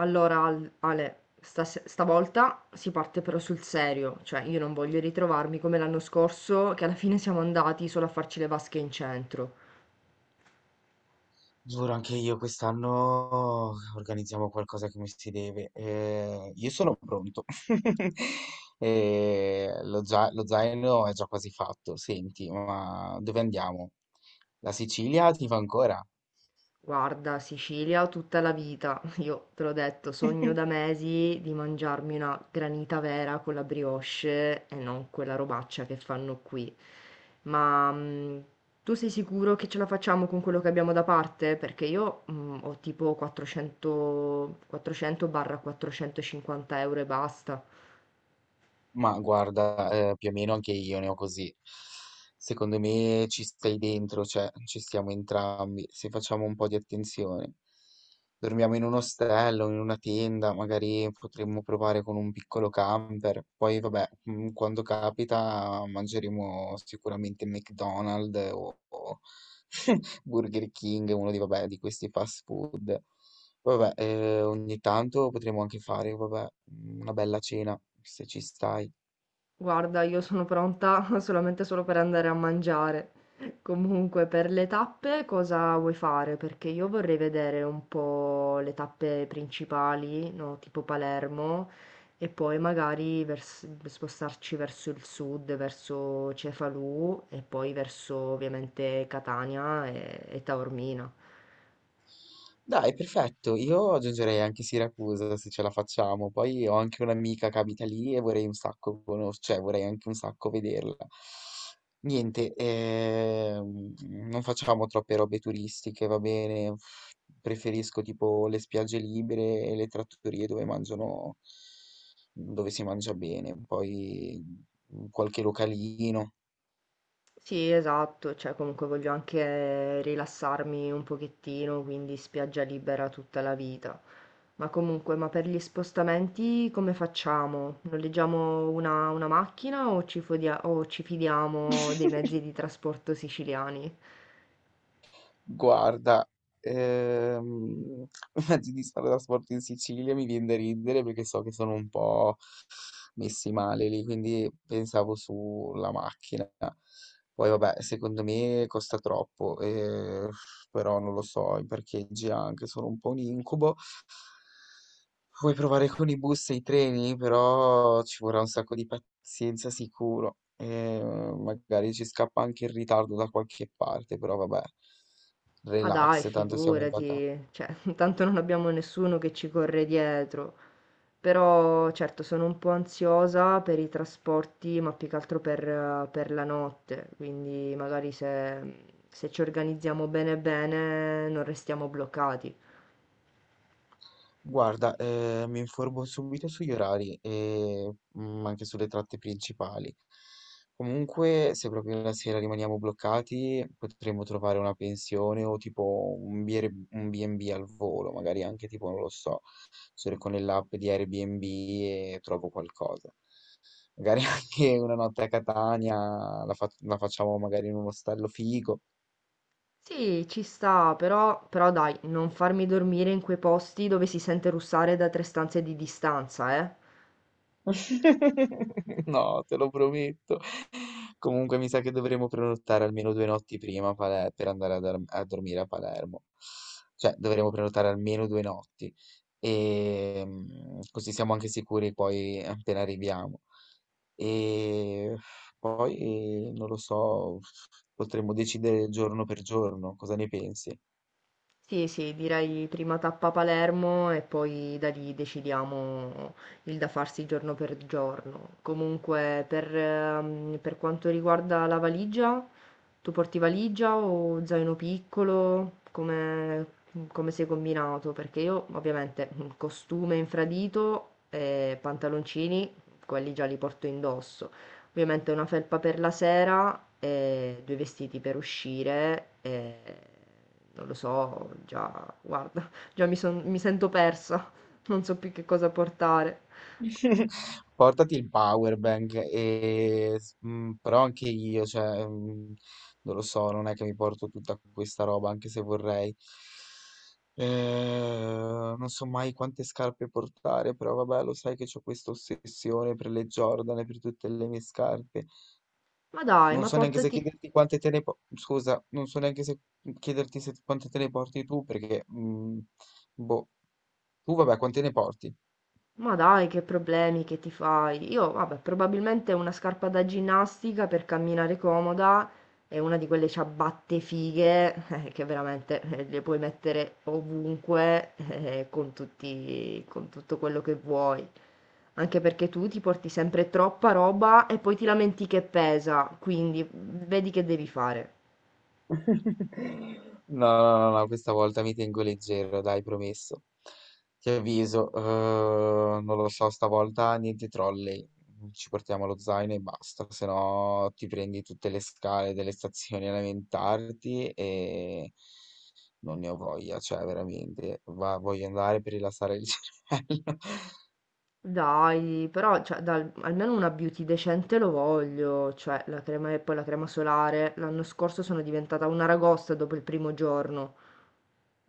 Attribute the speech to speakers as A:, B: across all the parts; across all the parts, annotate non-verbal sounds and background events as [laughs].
A: Allora, Ale, stavolta si parte però sul serio, cioè io non voglio ritrovarmi come l'anno scorso, che alla fine siamo andati solo a farci le vasche in centro.
B: Giuro, anche io quest'anno organizziamo qualcosa come si deve. Io sono pronto. [laughs] Lo zaino è già quasi fatto. Senti, ma dove andiamo? La Sicilia ti va ancora?
A: Guarda, Sicilia tutta la vita. [laughs] Io te l'ho detto, sogno da mesi di mangiarmi una granita vera con la brioche e non quella robaccia che fanno qui. Ma tu sei sicuro che ce la facciamo con quello che abbiamo da parte? Perché io ho tipo 400-450 euro e basta.
B: Ma guarda, più o meno anche io ne ho così. Secondo me ci stai dentro, cioè ci stiamo entrambi, se facciamo un po' di attenzione. Dormiamo in un ostello, in una tenda, magari potremmo provare con un piccolo camper. Poi vabbè, quando capita mangeremo sicuramente McDonald's o [laughs] Burger King, uno di, vabbè, di questi fast food. Poi vabbè, ogni tanto potremmo anche fare, vabbè, una bella cena, se ci stai.
A: Guarda, io sono pronta [laughs] solamente solo per andare a mangiare. Comunque, per le tappe cosa vuoi fare? Perché io vorrei vedere un po' le tappe principali, no? Tipo Palermo, e poi magari spostarci verso il sud, verso Cefalù e poi verso ovviamente Catania e Taormina.
B: Dai, perfetto. Io aggiungerei anche Siracusa se ce la facciamo. Poi ho anche un'amica che abita lì e vorrei un sacco cioè vorrei anche un sacco vederla. Niente, non facciamo troppe robe turistiche, va bene. Preferisco tipo le spiagge libere e le trattorie dove mangiano, dove si mangia bene. Poi qualche localino.
A: Sì, esatto, cioè comunque voglio anche rilassarmi un pochettino, quindi spiaggia libera tutta la vita. Ma comunque, ma per gli spostamenti come facciamo? Noleggiamo una macchina o ci fidiamo dei mezzi di trasporto siciliani?
B: Guarda, ehm, [laughs] mezzi di trasporto in Sicilia mi viene da ridere perché so che sono un po' messi male lì, quindi pensavo sulla macchina. Poi vabbè, secondo me costa troppo, però non lo so, i parcheggi anche sono un po' un incubo. Vuoi provare con i bus e i treni, però ci vorrà un sacco di pazienza sicuro. E magari ci scappa anche in ritardo da qualche parte, però vabbè,
A: Ah dai,
B: relax, tanto siamo in vacanza.
A: figurati, cioè, [laughs] tanto non abbiamo nessuno che ci corre dietro. Però certo sono un po' ansiosa per i trasporti, ma più che altro per la notte, quindi magari se ci organizziamo bene bene non restiamo bloccati.
B: Guarda, mi informo subito sugli orari e anche sulle tratte principali. Comunque, se proprio la sera rimaniamo bloccati, potremmo trovare una pensione o tipo un B&B al volo, magari anche tipo, non lo so, cerco nell'app di Airbnb e trovo qualcosa. Magari [laughs] anche una notte a Catania la facciamo magari in un ostello figo.
A: Sì, ci sta, però, però dai, non farmi dormire in quei posti dove si sente russare da tre stanze di distanza, eh.
B: [laughs] No, te lo prometto. Comunque mi sa che dovremo prenotare almeno due notti prima per andare a dormire a Palermo. Cioè, dovremo prenotare almeno due notti. E così siamo anche sicuri poi appena arriviamo. E poi, non lo so, potremmo decidere giorno per giorno. Cosa ne pensi?
A: Sì, sì, direi prima tappa Palermo e poi da lì decidiamo il da farsi giorno per giorno. Comunque, per quanto riguarda la valigia, tu porti valigia o zaino piccolo? Come, come sei combinato? Perché io ovviamente costume infradito e pantaloncini, quelli già li porto indosso. Ovviamente una felpa per la sera e due vestiti per uscire e non lo so, già, guarda, già mi, mi sento persa, non so più che cosa portare.
B: [laughs] Portati il power bank, però anche io, cioè, non lo so, non è che mi porto tutta questa roba, anche se vorrei. Non so mai quante scarpe portare, però vabbè, lo sai che ho questa ossessione per le Jordan e per tutte le mie scarpe.
A: Ma dai,
B: Non
A: ma
B: so neanche se
A: portati,
B: chiederti quante scusa, non so neanche se chiederti quante te ne porti tu, perché, boh, tu vabbè, quante ne porti?
A: ma dai, che problemi che ti fai? Io, vabbè, probabilmente una scarpa da ginnastica per camminare comoda e una di quelle ciabatte fighe [laughs] che veramente le puoi mettere ovunque con tutti, con tutto quello che vuoi. Anche perché tu ti porti sempre troppa roba e poi ti lamenti che pesa, quindi vedi che devi fare.
B: [laughs] No, no, no, no, questa volta mi tengo leggero, dai, promesso. Ti avviso, non lo so, stavolta niente trolley. Ci portiamo lo zaino e basta, se no ti prendi tutte le scale delle stazioni [laughs] a lamentarti e non ne ho voglia, cioè veramente, voglio andare per rilassare il [laughs] cervello.
A: Dai, però cioè, almeno una beauty decente lo voglio, cioè la crema e poi la crema solare. L'anno scorso sono diventata una ragosta dopo il primo giorno.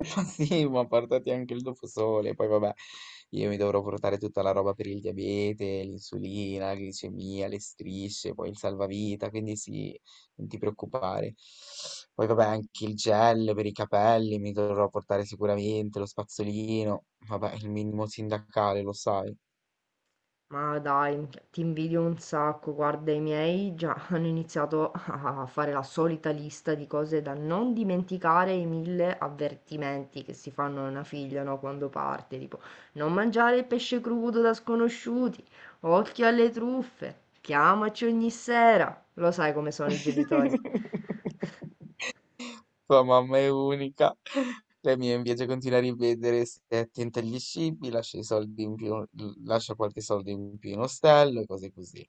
B: Sì, ma portati anche il doposole, poi vabbè, io mi dovrò portare tutta la roba per il diabete, l'insulina, la glicemia, le strisce, poi il salvavita, quindi sì, non ti preoccupare. Poi vabbè, anche il gel per i capelli mi dovrò portare sicuramente, lo spazzolino, vabbè, il minimo sindacale, lo sai.
A: Ma dai, ti invidio un sacco. Guarda, i miei già [laughs] hanno iniziato a fare la solita lista di cose da non dimenticare, i mille avvertimenti che si fanno a una figlia, no, quando parte, tipo non mangiare il pesce crudo da sconosciuti, occhio alle truffe, chiamaci ogni sera. Lo sai come sono i genitori.
B: [laughs] Tua mamma è unica. La mia invece continua a ripetere, se è attenta agli scippi, lascia i soldi in più, lascia qualche soldo in più in ostello e cose così.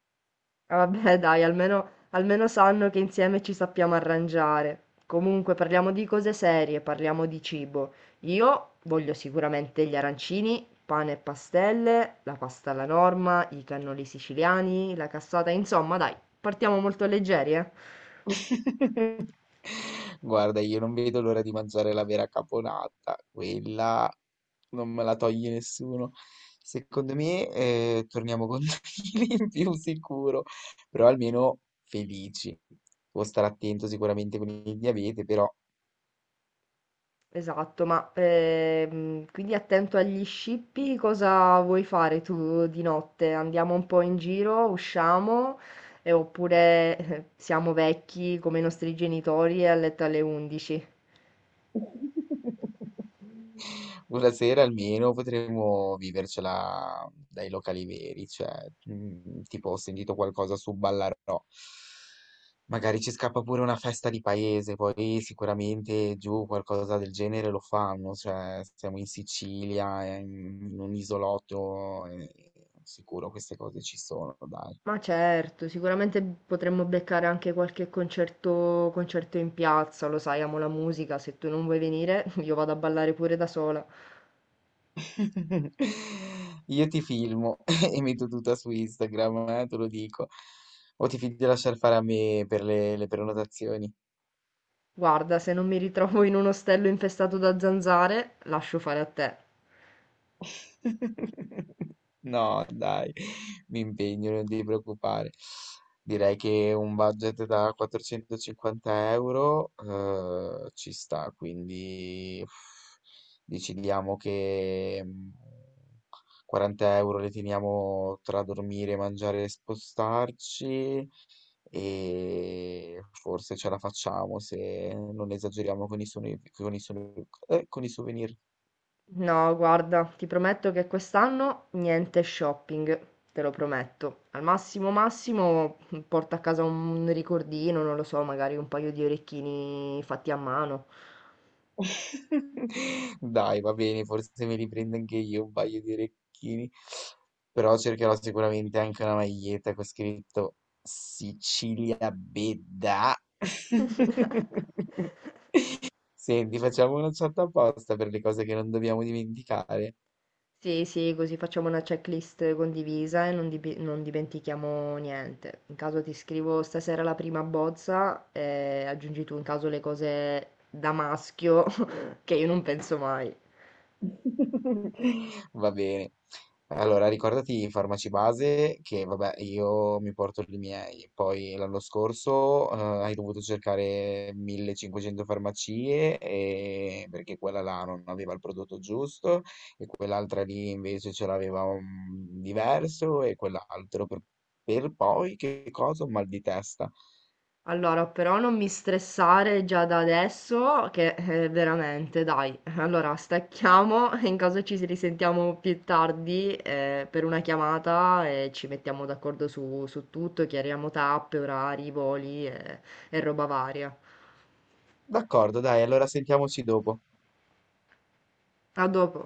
A: Ah, vabbè, [laughs] dai, almeno, almeno sanno che insieme ci sappiamo arrangiare. Comunque, parliamo di cose serie, parliamo di cibo. Io voglio sicuramente gli arancini, pane e pastelle, la pasta alla norma, i cannoli siciliani, la cassata, insomma, dai, partiamo molto leggeri, eh?
B: [laughs] Guarda, io non vedo l'ora di mangiare la vera caponata, quella non me la toglie nessuno. Secondo me, torniamo con [laughs] due chili in più sicuro, però almeno felici. Può stare attento sicuramente con il diabete, però
A: Esatto, ma quindi attento agli scippi, cosa vuoi fare tu di notte? Andiamo un po' in giro, usciamo, e oppure siamo vecchi come i nostri genitori e a letto alle 11?
B: [laughs] una sera almeno potremmo vivercela dai locali veri, cioè, tipo ho sentito qualcosa su Ballarò. Magari ci scappa pure una festa di paese, poi sicuramente giù qualcosa del genere lo fanno, cioè siamo in Sicilia, in un isolotto, sicuro queste cose ci sono, dai.
A: Ma certo, sicuramente potremmo beccare anche qualche concerto, concerto in piazza, lo sai, amo la musica, se tu non vuoi venire [laughs] io vado a ballare pure da sola.
B: [laughs] Io ti filmo [laughs] e metto tutta su Instagram, te lo dico. O ti fidi di lasciar fare a me per le prenotazioni?
A: Guarda, se non mi ritrovo in un ostello infestato da zanzare, lascio fare a te.
B: [laughs] No, dai, mi impegno, non ti preoccupare. Direi che un budget da 450 euro ci sta, quindi uff, decidiamo che 40 euro le teniamo tra dormire, mangiare e spostarci e forse ce la facciamo se non esageriamo con con i souvenir.
A: No, guarda, ti prometto che quest'anno niente shopping, te lo prometto. Al massimo massimo porto a casa un ricordino, non lo so, magari un paio di orecchini fatti a mano.
B: [laughs] Dai, va bene, forse mi riprendo anche io un paio di orecchini, però cercherò sicuramente anche una maglietta con scritto Sicilia Bedda.
A: [laughs]
B: [laughs] Senti, facciamo una chat apposta per le cose che non dobbiamo dimenticare.
A: Sì, sì, così facciamo una checklist condivisa e non dimentichiamo niente. In caso ti scrivo stasera la prima bozza e aggiungi tu in caso le cose da maschio [laughs] che io non penso mai.
B: Va bene. Allora, ricordati i farmaci base che, vabbè, io mi porto i miei. Poi l'anno scorso, hai dovuto cercare 1500 farmacie perché quella là non aveva il prodotto giusto e quell'altra lì invece ce l'aveva un diverso e quell'altro per poi che cosa? Un mal di testa.
A: Allora, però non mi stressare già da adesso, che veramente, dai. Allora, stacchiamo e in caso ci risentiamo più tardi per una chiamata e ci mettiamo d'accordo su tutto, chiariamo tappe, orari, voli e roba varia.
B: D'accordo, dai, allora sentiamoci dopo.
A: A dopo.